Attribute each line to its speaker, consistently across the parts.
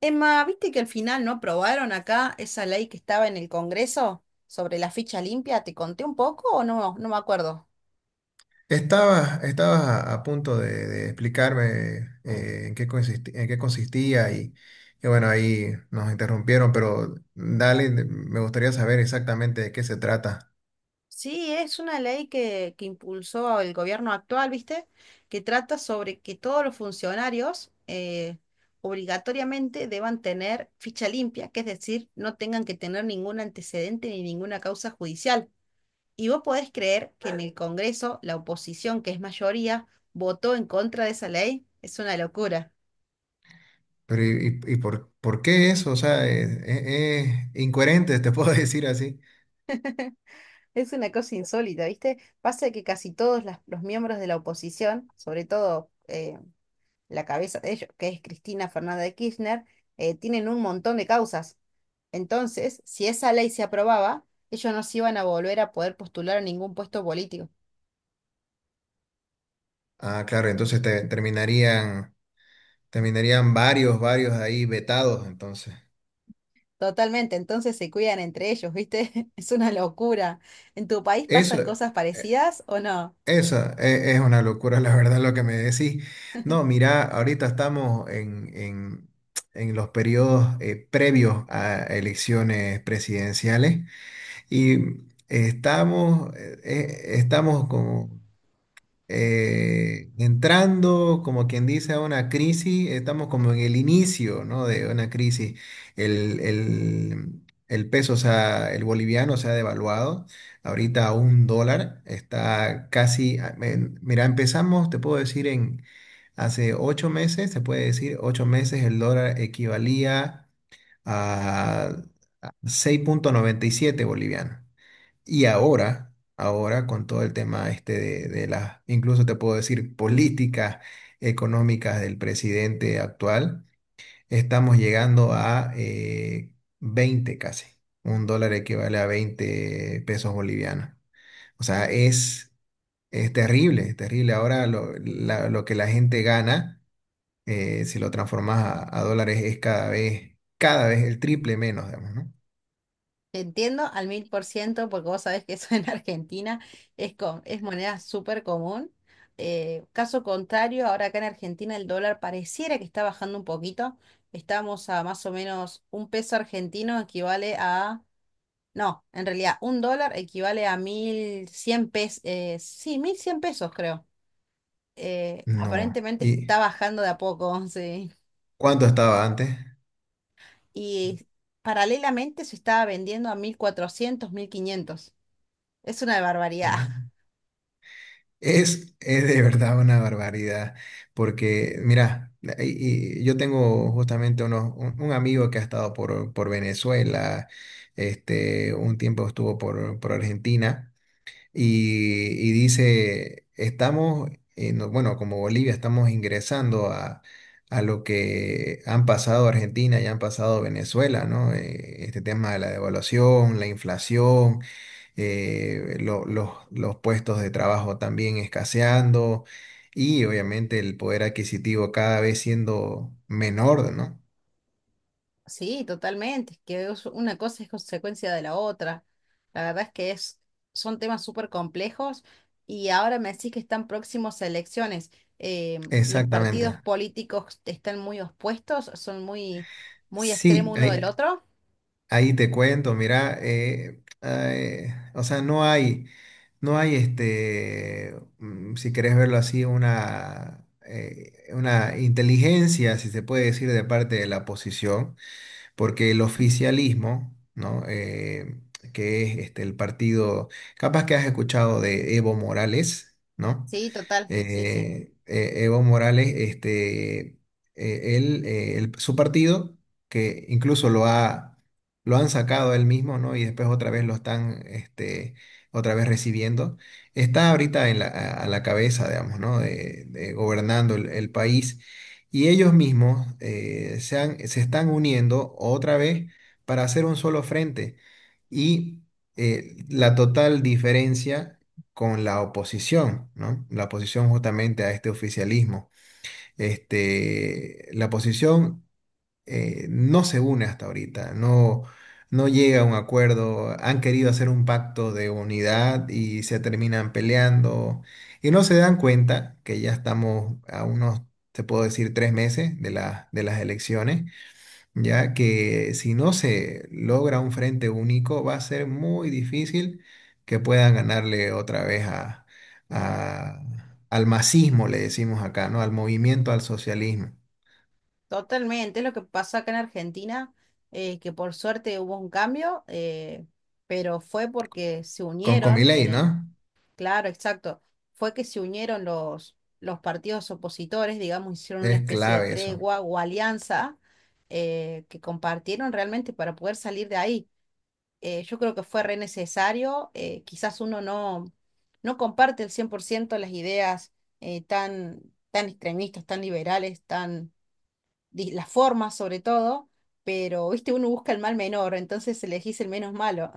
Speaker 1: Emma, ¿viste que al final no aprobaron acá esa ley que estaba en el Congreso sobre la ficha limpia? ¿Te conté un poco o no? No me acuerdo.
Speaker 2: Estabas a punto de explicarme en qué en qué consistía y bueno, ahí nos interrumpieron, pero dale, me gustaría saber exactamente de qué se trata.
Speaker 1: Sí, es una ley que impulsó el gobierno actual, ¿viste? Que trata sobre que todos los funcionarios obligatoriamente deban tener ficha limpia, que es decir, no tengan que tener ningún antecedente ni ninguna causa judicial. Y vos podés creer que en el Congreso la oposición, que es mayoría, votó en contra de esa ley. Es una locura.
Speaker 2: Pero ¿y por qué eso? O sea, es incoherente, te puedo decir así.
Speaker 1: Es una cosa insólita, ¿viste? Pasa que casi todos los miembros de la oposición, sobre todo la cabeza de ellos, que es Cristina Fernández de Kirchner, tienen un montón de causas. Entonces, si esa ley se aprobaba, ellos no se iban a volver a poder postular a ningún puesto político.
Speaker 2: Ah, claro, entonces terminarían, terminarían varios ahí vetados, entonces.
Speaker 1: Totalmente, entonces se cuidan entre ellos, ¿viste? Es una locura. ¿En tu país pasan
Speaker 2: Eso.
Speaker 1: cosas parecidas o no?
Speaker 2: Esa es una locura, la verdad, lo que me decís. No, mira, ahorita estamos en los periodos previos a elecciones presidenciales y estamos, estamos como entrando, como quien dice, a una crisis, estamos como en el inicio, ¿no?, de una crisis. El, el- el peso, o sea, el boliviano se ha devaluado, ahorita a un dólar, está casi, mira, empezamos, te puedo decir, en hace ocho meses, se puede decir, ocho meses el dólar equivalía a seis punto noventa y siete boliviano. Y ahora, ahora con todo el tema este de las, incluso te puedo decir, políticas económicas del presidente actual, estamos llegando a 20 casi. Un dólar equivale a 20 pesos bolivianos. O sea, es terrible, es terrible. Ahora lo que la gente gana, si lo transformas a dólares, es cada vez el triple menos, digamos, ¿no?
Speaker 1: Te entiendo al 1000 por ciento porque vos sabés que eso en Argentina es moneda súper común. Caso contrario, ahora acá en Argentina el dólar pareciera que está bajando un poquito. Estamos a más o menos un peso argentino equivale a... No, en realidad un dólar equivale a 1100 pesos. Sí, 1100 pesos creo.
Speaker 2: No.
Speaker 1: Aparentemente
Speaker 2: ¿Y
Speaker 1: está bajando de a poco, sí.
Speaker 2: cuánto estaba antes?
Speaker 1: Y paralelamente se estaba vendiendo a 1400 1500. Es una barbaridad.
Speaker 2: Es de verdad una barbaridad, porque mira, y yo tengo justamente un amigo que ha estado por Venezuela, este, un tiempo estuvo por Argentina, y dice, estamos, bueno, como Bolivia, estamos ingresando a lo que han pasado Argentina y han pasado Venezuela, ¿no? Este tema de la devaluación, la inflación, los puestos de trabajo también escaseando y obviamente el poder adquisitivo cada vez siendo menor, ¿no?
Speaker 1: Sí, totalmente. Una cosa es consecuencia de la otra. La verdad es que son temas súper complejos y ahora me decís que están próximos a elecciones. Eh, los partidos
Speaker 2: Exactamente.
Speaker 1: políticos están muy opuestos, muy extremo
Speaker 2: Sí,
Speaker 1: uno
Speaker 2: ahí,
Speaker 1: del otro.
Speaker 2: ahí te cuento, mira, o sea, no hay, no hay este, mm, si querés verlo así, una inteligencia, si se puede decir, de parte de la oposición porque el oficialismo, ¿no? Que es este, el partido, capaz que has escuchado de Evo Morales, ¿no?
Speaker 1: Sí, total, sí, sí,
Speaker 2: Evo Morales, este, su partido, que incluso lo ha, lo han sacado a él mismo, ¿no? Y después otra vez lo están, este, otra vez recibiendo, está ahorita en la, a la cabeza, digamos, ¿no?, de gobernando el país. Y ellos mismos se están uniendo otra vez para hacer un solo frente. Y la total diferencia con la oposición, ¿no? La oposición justamente a este oficialismo. Este, la oposición no se une hasta ahorita, no, no llega a un acuerdo, han querido hacer un pacto de unidad y se terminan peleando y no se dan cuenta que ya estamos a unos, te puedo decir, tres meses de las elecciones, ya que si no se logra un frente único, va a ser muy difícil que puedan ganarle otra vez a, a- al masismo, le decimos acá, ¿no? Al movimiento, al socialismo.
Speaker 1: totalmente. Es lo que pasó acá en Argentina, que por suerte hubo un cambio, pero fue porque se
Speaker 2: Con
Speaker 1: unieron en
Speaker 2: Comiley,
Speaker 1: el.
Speaker 2: ¿no?
Speaker 1: Claro, exacto. Fue que se unieron los partidos opositores, digamos, hicieron una
Speaker 2: Es
Speaker 1: especie de
Speaker 2: clave eso.
Speaker 1: tregua o alianza que compartieron realmente para poder salir de ahí. Yo creo que fue re necesario. Quizás uno no comparte el 100 por ciento las ideas eh, tan, tan extremistas, tan liberales, las formas sobre todo, pero, viste, uno busca el mal menor, entonces elegís el menos malo.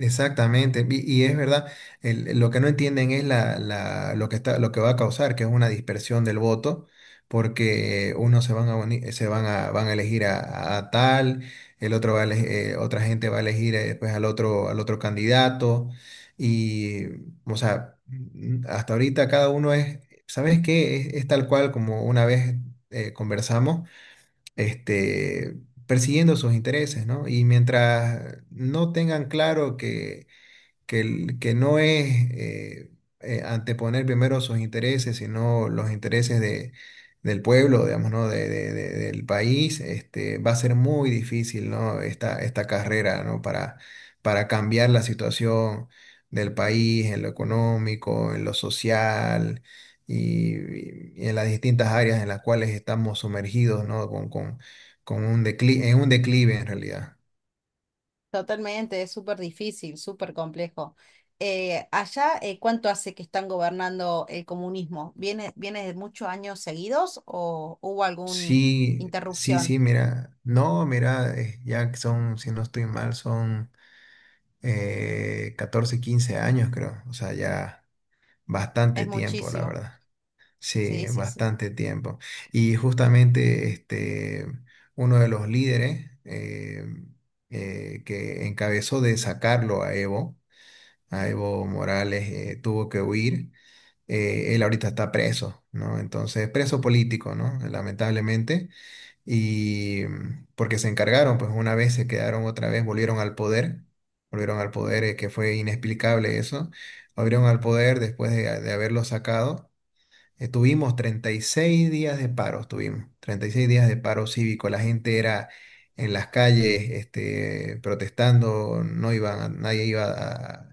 Speaker 2: Exactamente, y es verdad, lo que no entienden es la, lo que está, lo que va a causar, que es una dispersión del voto, porque unos se van a, se van a, van a elegir a tal, el otro va a otra gente va a elegir pues, al otro candidato, y, o sea, mm, hasta ahorita cada uno es, ¿sabes qué? Es tal cual como una vez conversamos, este, persiguiendo sus intereses, ¿no? Y mientras no tengan claro que que no es anteponer primero sus intereses, sino los intereses del pueblo, digamos, ¿no? De, del país, este, va a ser muy difícil, ¿no? Esta carrera, ¿no? Para cambiar la situación del país en lo económico, en lo social. Y, y en las distintas áreas en las cuales estamos sumergidos, ¿no? Con un declive en realidad.
Speaker 1: Totalmente, es súper difícil, súper complejo. Allá, ¿cuánto hace que están gobernando el comunismo? Viene de muchos años seguidos o hubo alguna
Speaker 2: Sí, sí, sí,
Speaker 1: interrupción?
Speaker 2: mira, no, mira, ya que son, si no estoy mal, son 14, 15 años, creo, o sea, ya bastante
Speaker 1: Es
Speaker 2: tiempo, la
Speaker 1: muchísimo.
Speaker 2: verdad. Sí,
Speaker 1: Sí, sí, sí.
Speaker 2: bastante tiempo. Y justamente este, uno de los líderes que encabezó de sacarlo a Evo Morales, tuvo que huir. Él ahorita está preso, ¿no? Entonces, preso político, ¿no? Lamentablemente, y porque se encargaron, pues una vez se quedaron otra vez, volvieron al poder, que fue inexplicable eso, volvieron al poder después de haberlo sacado, tuvimos 36 días de paro, tuvimos 36 días de paro cívico. La gente era en las calles, este, protestando, no iban, nadie iba a,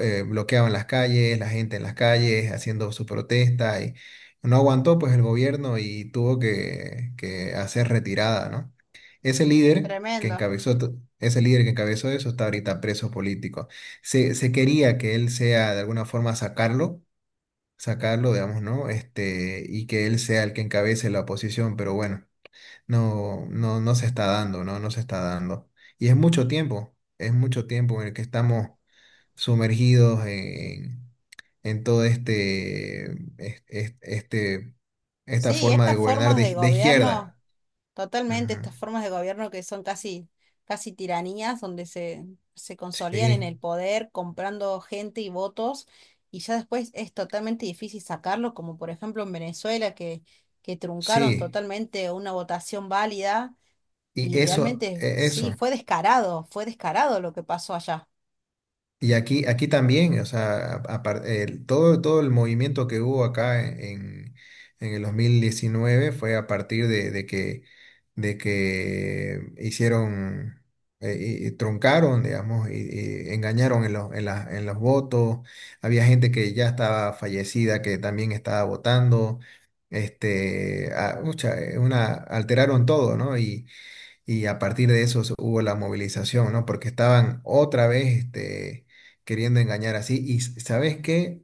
Speaker 2: bloqueaban las calles, la gente en las calles haciendo su protesta y no aguantó pues el gobierno y tuvo que hacer retirada, ¿no? Ese líder que
Speaker 1: Tremendo.
Speaker 2: encabezó, ese líder que encabezó eso está ahorita preso político. Se quería que él sea de alguna forma sacarlo, sacarlo, digamos, ¿no? Este, y que él sea el que encabece la oposición, pero bueno, no, no, no se está dando, ¿no? No se está dando. Y es mucho tiempo en el que estamos sumergidos en todo este, este, esta
Speaker 1: Sí,
Speaker 2: forma de
Speaker 1: estas
Speaker 2: gobernar
Speaker 1: formas de
Speaker 2: de
Speaker 1: gobierno.
Speaker 2: izquierda.
Speaker 1: Totalmente,
Speaker 2: Ujú.
Speaker 1: estas formas de gobierno que son casi tiranías, donde se consolidan en
Speaker 2: Sí,
Speaker 1: el poder comprando gente y votos, y ya después es totalmente difícil sacarlo, como por ejemplo en Venezuela, que truncaron
Speaker 2: sí.
Speaker 1: totalmente una votación válida,
Speaker 2: Y
Speaker 1: y
Speaker 2: eso,
Speaker 1: realmente sí,
Speaker 2: eso.
Speaker 1: fue descarado lo que pasó allá.
Speaker 2: Y aquí, aquí también, o sea, todo, todo el movimiento que hubo acá en el 2019 fue a partir de que hicieron, y truncaron, digamos, y engañaron en los, en los votos. Había gente que ya estaba fallecida, que también estaba votando. Este, ah, ucha, alteraron todo, ¿no? Y a partir de eso hubo la movilización, ¿no? Porque estaban otra vez este, queriendo engañar así. Y ¿sabes qué?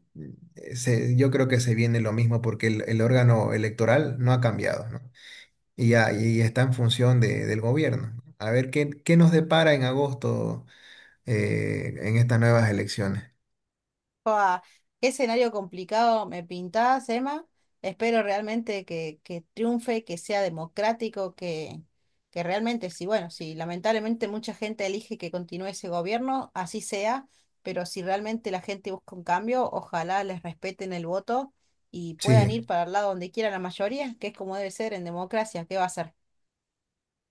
Speaker 2: Yo creo que se viene lo mismo porque el órgano electoral no ha cambiado, ¿no? Y, ya, y está en función del gobierno. A ver qué, qué nos depara en agosto, en estas nuevas elecciones.
Speaker 1: Fua, qué escenario complicado me pintás, Emma. Espero realmente que triunfe, que sea democrático, que realmente, sí, bueno, si lamentablemente mucha gente elige que continúe ese gobierno, así sea, pero si realmente la gente busca un cambio, ojalá les respeten el voto y puedan
Speaker 2: Sí,
Speaker 1: ir para el lado donde quiera la mayoría, que es como debe ser en democracia, ¿qué va a ser?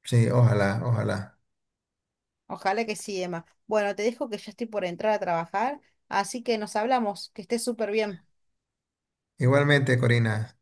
Speaker 2: sí, ojalá, ojalá.
Speaker 1: Ojalá que sí, Emma. Bueno, te dejo que ya estoy por entrar a trabajar, así que nos hablamos, que estés súper bien.
Speaker 2: Igualmente, Corina.